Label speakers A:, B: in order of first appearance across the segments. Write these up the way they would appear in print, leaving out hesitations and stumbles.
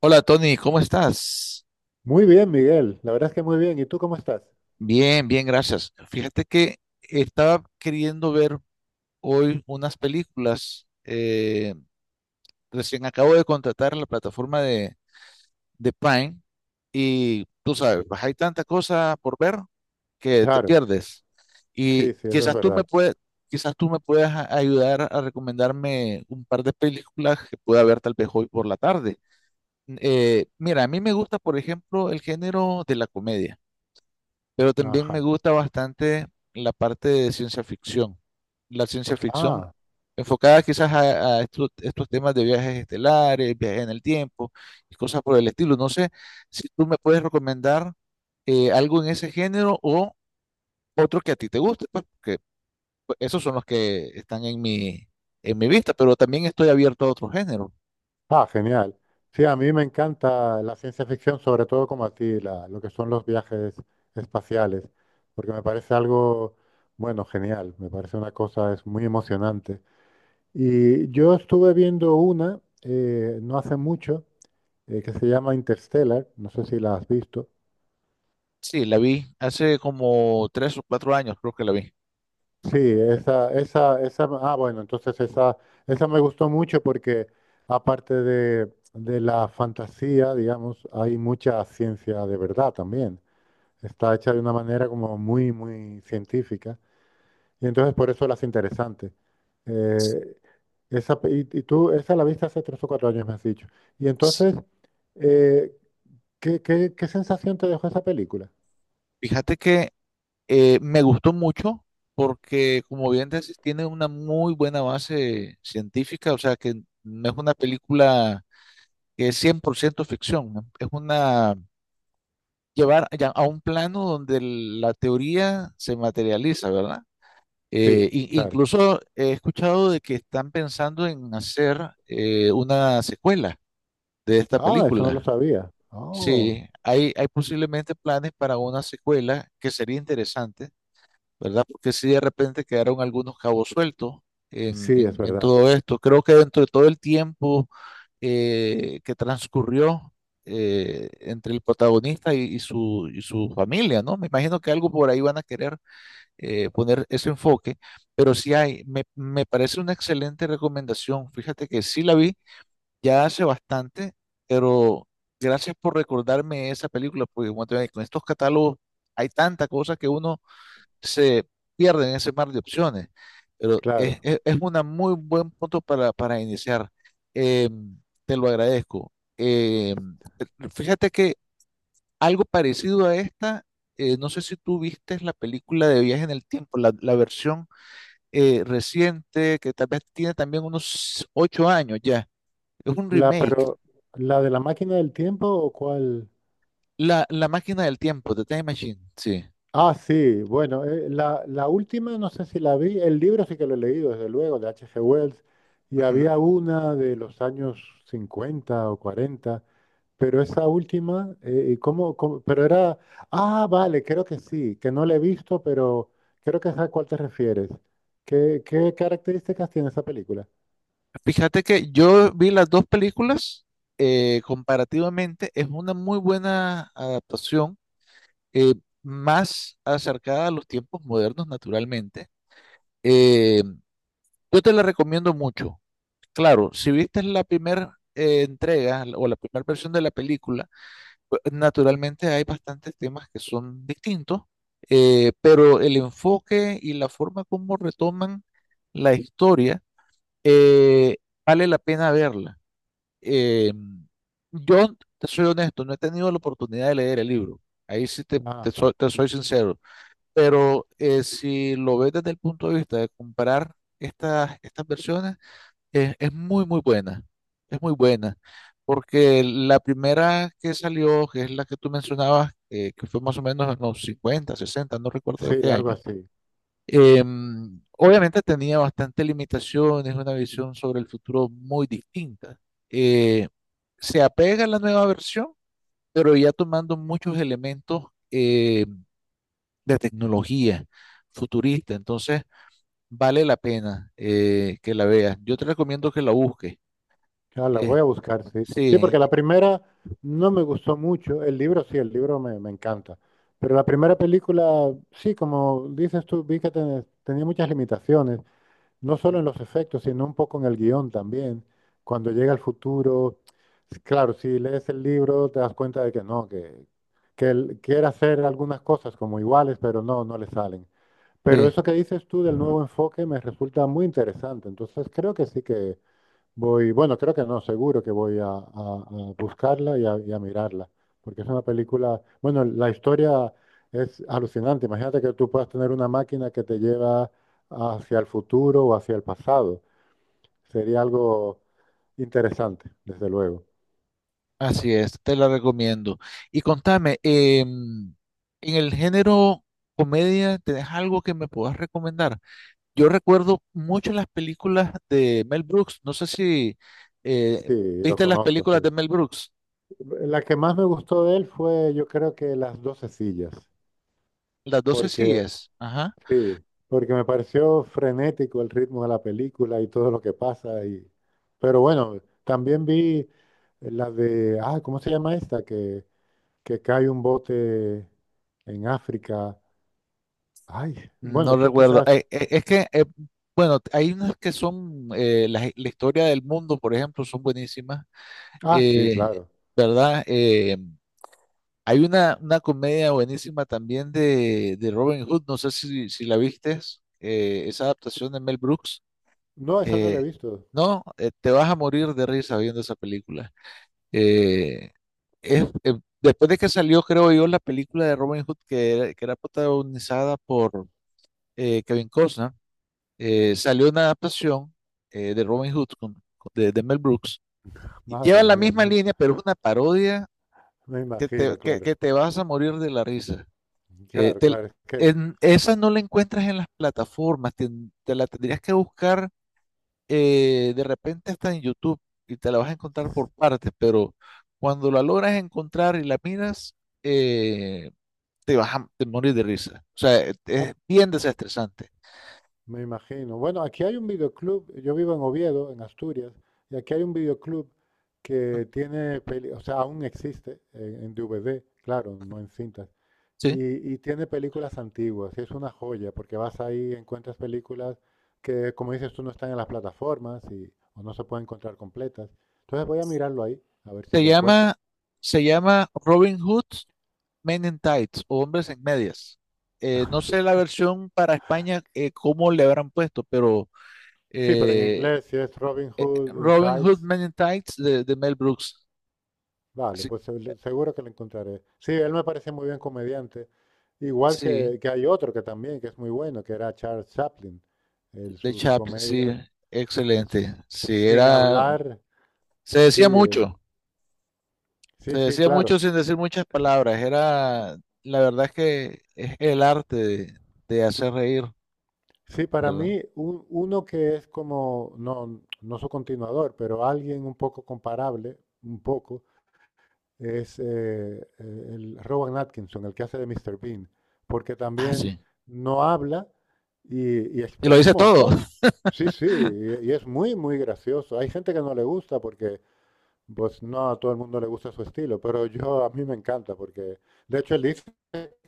A: Hola Tony, ¿cómo estás?
B: Muy bien, Miguel. La verdad es que muy bien. ¿Y tú cómo estás?
A: Bien, bien, gracias. Fíjate que estaba queriendo ver hoy unas películas. Recién acabo de contratar la plataforma de Prime y tú sabes, pues, hay tanta cosa por ver que te
B: Claro,
A: pierdes. Y
B: sí, sí, eso es
A: quizás tú me
B: verdad.
A: puedes, Quizás tú me puedas ayudar a recomendarme un par de películas que pueda ver tal vez hoy por la tarde. Mira, a mí me gusta, por ejemplo, el género de la comedia. Pero también
B: Ajá.
A: me gusta bastante la parte de ciencia ficción. La ciencia ficción
B: Ah,
A: enfocada quizás a estos temas de viajes estelares, viajes en el tiempo y cosas por el estilo. No sé si tú me puedes recomendar algo en ese género o otro que a ti te guste, pues, porque pues, esos son los que están en en mi vista, pero también estoy abierto a otro género.
B: ah, genial. Sí, a mí me encanta la ciencia ficción, sobre todo como a ti, lo que son los viajes espaciales, porque me parece algo, bueno, genial. Me parece una cosa, es muy emocionante. Y yo estuve viendo una no hace mucho que se llama Interstellar. No sé si la has visto.
A: Sí, la vi hace como tres o cuatro años, creo que la vi.
B: Sí, esa, ah, bueno, entonces esa me gustó mucho porque aparte de la fantasía, digamos, hay mucha ciencia de verdad también. Está hecha de una manera como muy científica y entonces por eso las hace interesante. Eh, esa, y tú, esa la viste hace tres o cuatro años, me has dicho. Y
A: Sí.
B: entonces, eh, ¿qué, qué sensación te dejó esa película?
A: Fíjate que me gustó mucho porque, como bien dices, tiene una muy buena base científica, o sea que no es una película que es 100% ficción, ¿no? Es una llevar ya a un plano donde la teoría se materializa, ¿verdad?
B: Sí, claro.
A: Incluso he escuchado de que están pensando en hacer una secuela de esta
B: Ah, eso no lo
A: película.
B: sabía. Oh,
A: Sí, hay posiblemente planes para una secuela que sería interesante, ¿verdad? Porque si de repente quedaron algunos cabos sueltos
B: sí, es
A: en
B: verdad,
A: todo esto. Creo que dentro de todo el tiempo que transcurrió entre el protagonista y y su familia, ¿no? Me imagino que algo por ahí van a querer poner ese enfoque, pero sí hay, me parece una excelente recomendación. Fíjate que sí la vi ya hace bastante, pero gracias por recordarme esa película, porque como te digo, con estos catálogos hay tanta cosa que uno se pierden en ese mar de opciones. Pero
B: claro.
A: es una muy buen punto para iniciar. Eh, Te lo agradezco. Fíjate que algo parecido a esta, no sé si tú viste la película de Viaje en el Tiempo, la versión reciente, que tal vez tiene también unos ocho años ya. Es un
B: La,
A: remake.
B: pero, ¿la de la máquina del tiempo o cuál?
A: La máquina del tiempo, The Time Machine, sí.
B: Ah, sí, bueno, la última no sé si la vi, el libro sí que lo he leído, desde luego, de H G Wells, y
A: Ujú.
B: había una de los años 50 o cuarenta. Pero esa última, ¿y ¿cómo, cómo? Pero era, ah, vale, creo que sí, que no la he visto, pero creo que es a cuál te refieres. Qué características tiene esa película?
A: Fíjate que yo vi las dos películas, comparativamente es una muy buena adaptación, eh, más acercada a los tiempos modernos, naturalmente. Eh, yo te la recomiendo mucho. Claro, si viste la primera entrega o la primera versión de la película, pues, naturalmente hay bastantes temas que son distintos, pero el enfoque y la forma como retoman la historia, eh, vale la pena verla. Eh, yo, te soy honesto, no he tenido la oportunidad de leer el libro. Ahí sí te,
B: Ajá,
A: te soy sincero. Pero si lo ves desde el punto de vista de comparar estas versiones, es muy, muy buena. Es muy buena. Porque la primera que salió, que es la que tú mencionabas, que fue más o menos en los 50 sesenta, no recuerdo de
B: sí,
A: qué
B: algo
A: año.
B: así.
A: eh, Obviamente tenía bastantes limitaciones, una visión sobre el futuro muy distinta. Eh, Se apega a la nueva versión, pero ya tomando muchos elementos eh, de tecnología futurista. Entonces, vale la pena que la veas. Yo te recomiendo que la busques.
B: Ah, la
A: Eh,
B: voy a buscar, sí. Sí,
A: sí,
B: porque la primera no me gustó mucho. El libro, sí, el libro me encanta. Pero la primera película, sí, como dices tú, vi que tenía muchas limitaciones, no solo en los efectos, sino un poco en el guión también. Cuando llega el futuro, claro, si lees el libro te das cuenta de que no, que él quiere hacer algunas cosas como iguales, pero no, no le salen. Pero
A: sí,
B: eso que dices tú del nuevo enfoque me resulta muy interesante. Entonces creo que sí. Voy, bueno, creo que no, seguro que a buscarla y a mirarla, porque es una película, bueno, la historia es alucinante. Imagínate que tú puedas tener una máquina que te lleva hacia el futuro o hacia el pasado. Sería algo interesante, desde luego.
A: así es, te la recomiendo. Y contame, en el género comedia, ¿tenés algo que me puedas recomendar? Yo recuerdo mucho las películas de Mel Brooks. No sé si eh,
B: Sí, lo
A: viste las
B: conozco,
A: películas
B: sí.
A: de Mel Brooks,
B: La que más me gustó de él fue, yo creo que Las 12 sillas,
A: las 12
B: porque
A: sillas. Ajá.
B: sí, porque me pareció frenético el ritmo de la película y todo lo que pasa. Y... Pero bueno, también vi la de, ah, ¿cómo se llama esta? Que cae un bote en África. Ay,
A: No
B: bueno, tú
A: recuerdo.
B: quizás.
A: Bueno, hay unas que son, la, la historia del mundo, por ejemplo, son buenísimas,
B: Ah, sí,
A: eh,
B: claro.
A: ¿verdad? Hay una comedia buenísima también de Robin Hood, no sé si la viste, esa adaptación de Mel Brooks.
B: No, esa no la
A: Eh,
B: he visto.
A: no, te vas a morir de risa viendo esa película. Eh, Después de que salió, creo yo, la película de Robin Hood que era protagonizada por Kevin Costner, salió una adaptación de Robin Hood de Mel Brooks. Y
B: Madre
A: lleva la
B: mía,
A: misma línea, pero es una parodia
B: me imagino, claro.
A: que te vas a morir de la risa. Eh,
B: Claro,
A: te-
B: claro. Es que,
A: Esa no la encuentras en las plataformas, te la tendrías que buscar, de repente está en YouTube y te la vas a encontrar por partes, pero cuando la logras encontrar y la miras, eh, te vas a te morir de risa. O sea,
B: ah,
A: es bien desestresante.
B: me imagino. Bueno, aquí hay un videoclub, yo vivo en Oviedo, en Asturias, y aquí hay un videoclub que tiene, o sea, aún existe en DVD, claro, no en cintas,
A: ¿Sí?
B: y tiene películas antiguas, y es una joya, porque vas ahí, encuentras películas que, como dices tú, no están en las plataformas y, o no se pueden encontrar completas. Entonces voy a mirarlo ahí, a ver si
A: Se
B: la encuentro.
A: llama, Se llama Robin Hood Men in Tights o Hombres en Medias. No sé la versión para España, cómo le habrán puesto, pero
B: Sí, pero en
A: eh,
B: inglés, si es Robin Hood in
A: Robin Hood
B: Tights,
A: Men in Tights de Mel Brooks.
B: vale,
A: Sí,
B: pues seguro que lo encontraré. Sí, él me parece muy bien comediante. Igual
A: sí.
B: que hay otro que también, que es muy bueno, que era Charles Chaplin. Él,
A: De
B: sus
A: Chaplin, sí,
B: comedias, es-
A: excelente. Sí,
B: sin
A: era,
B: hablar,
A: se decía
B: sí,
A: mucho, se
B: sí, sí,
A: decía
B: claro.
A: mucho sin decir muchas palabras. Era, la verdad es que es el arte de hacer reír,
B: Sí, para
A: ¿verdad?
B: mí, uno que es como, no, no su continuador, pero alguien un poco comparable, un poco, es el Rowan Atkinson, el que hace de Mr. Bean, porque
A: Ah,
B: también
A: sí.
B: no habla y
A: Y lo
B: expresa un
A: dice todo.
B: montón. Sí, sí, y es muy gracioso. Hay gente que no le gusta porque pues no a todo el mundo le gusta su estilo, pero yo a mí me encanta porque, de hecho, él dice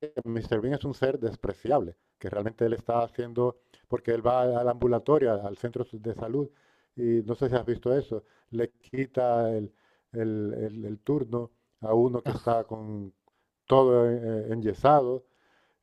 B: que Mr. Bean es un ser despreciable, que realmente él está haciendo, porque él va al ambulatorio, al al centro de salud, y no sé si has visto eso, le quita el turno a uno que está con todo enyesado,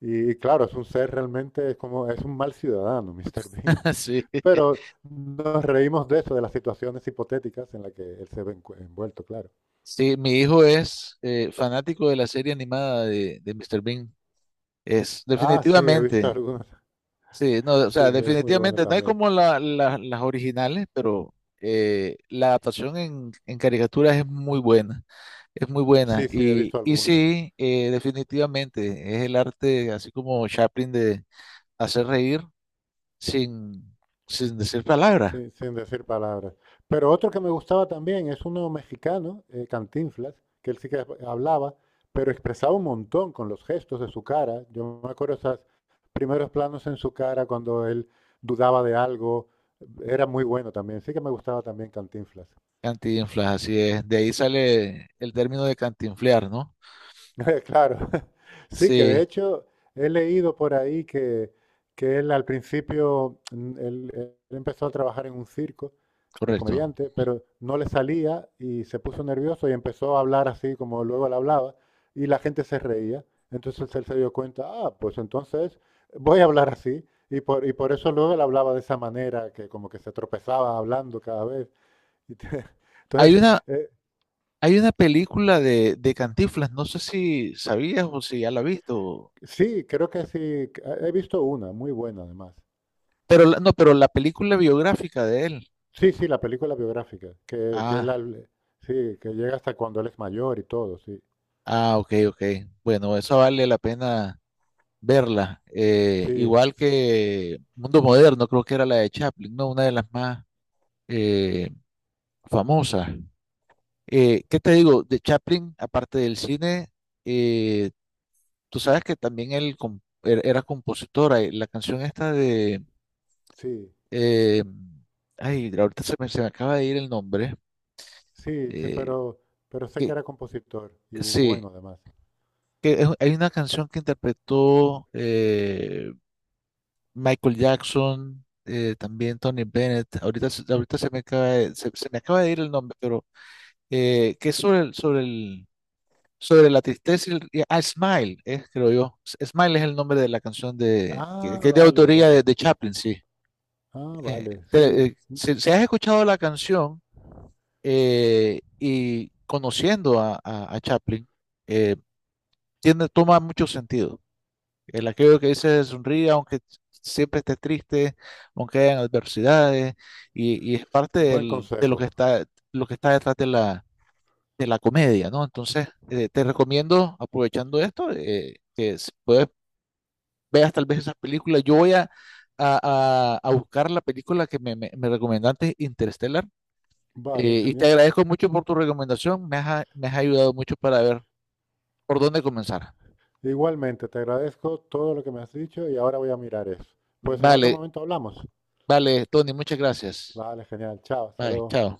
B: y claro, es un ser realmente, es como, es un mal ciudadano, Mr. Bean.
A: Ah, sí.
B: Pero nos reímos de eso, de las situaciones hipotéticas en las que él se ve envuelto, claro.
A: Sí, mi hijo es fanático de la serie animada de Mr. Bean. Es,
B: Ah, sí, he visto
A: definitivamente.
B: algunas.
A: Sí, no, o
B: Sí,
A: sea,
B: es muy buena
A: definitivamente no es
B: también.
A: como las originales, pero la adaptación en caricaturas es muy buena. Es muy buena.
B: Sí, sí, he visto
A: Y
B: algunas.
A: sí, definitivamente, es el arte, así como Chaplin, de hacer reír sin, sin decir palabras.
B: Sí, sin decir palabras. Pero otro que me gustaba también es uno mexicano, Cantinflas, que él sí que hablaba, pero expresaba un montón con los gestos de su cara. Yo me acuerdo esos primeros planos en su cara cuando él dudaba de algo. Era muy bueno también. Sí que me gustaba también Cantinflas.
A: Cantinflas, así es. De ahí sale el término de cantinflear, ¿no?
B: Claro, sí, que de
A: Sí,
B: hecho he leído por ahí que él al principio, él empezó a trabajar en un circo de
A: correcto.
B: comediante, pero no le salía y se puso nervioso y empezó a hablar así como luego él hablaba y la gente se reía. Entonces él se dio cuenta, ah, pues entonces voy a hablar así. Y y por eso luego él hablaba de esa manera, que como que se tropezaba hablando cada vez. y te-
A: Hay
B: entonces,
A: una,
B: eh,
A: Hay una película de Cantinflas, no sé si sabías o si ya la has visto,
B: sí, creo que sí, he visto una, muy buena además.
A: pero no, pero la película biográfica de él.
B: Sí, sí, la película biográfica, que él,
A: Ah,
B: sí, que llega hasta cuando él es mayor y todo,
A: ah, ok, ok. Bueno, eso vale la pena verla.
B: sí,
A: Igual que Mundo Moderno, creo que era la de Chaplin, ¿no? Una de las más eh, famosas. ¿Qué te digo? De Chaplin, aparte del cine, eh, tú sabes que también él era compositora. La canción esta de...
B: sí,
A: eh, ay, se me acaba de ir el nombre.
B: sí, sí,
A: eh,
B: pero sé que
A: que,
B: era compositor y
A: sí,
B: bueno además.
A: hay una canción que interpretó... Michael Jackson, también Tony Bennett. Ahorita se me acaba se me acaba de ir el nombre, pero que es sobre sobre la tristeza y ah, Smile, creo yo. Smile es el nombre de la canción
B: Ah,
A: que es de
B: vale,
A: autoría
B: vale,
A: de Chaplin, sí.
B: ah, vale, sí,
A: Si, si has escuchado la canción y conociendo a Chaplin, eh, tiene, toma mucho sentido. El aquello que dice sonríe, aunque siempre esté triste, aunque hayan adversidades, y es parte
B: buen
A: de
B: consejo,
A: lo que está detrás de la comedia, ¿no? Entonces, te recomiendo, aprovechando esto, que si puedes, veas tal vez esas películas. Yo voy a, a buscar la película que me recomendaste, Interstellar,
B: vale,
A: y te
B: genial.
A: agradezco mucho por tu recomendación, me has ayudado mucho para ver por dónde comenzar.
B: Igualmente, te agradezco todo lo que me has dicho y ahora voy a mirar eso. Pues en otro
A: Vale,
B: momento hablamos.
A: vale, Tony, muchas gracias.
B: Vale, genial, chao, hasta
A: Bye,
B: luego.
A: chao.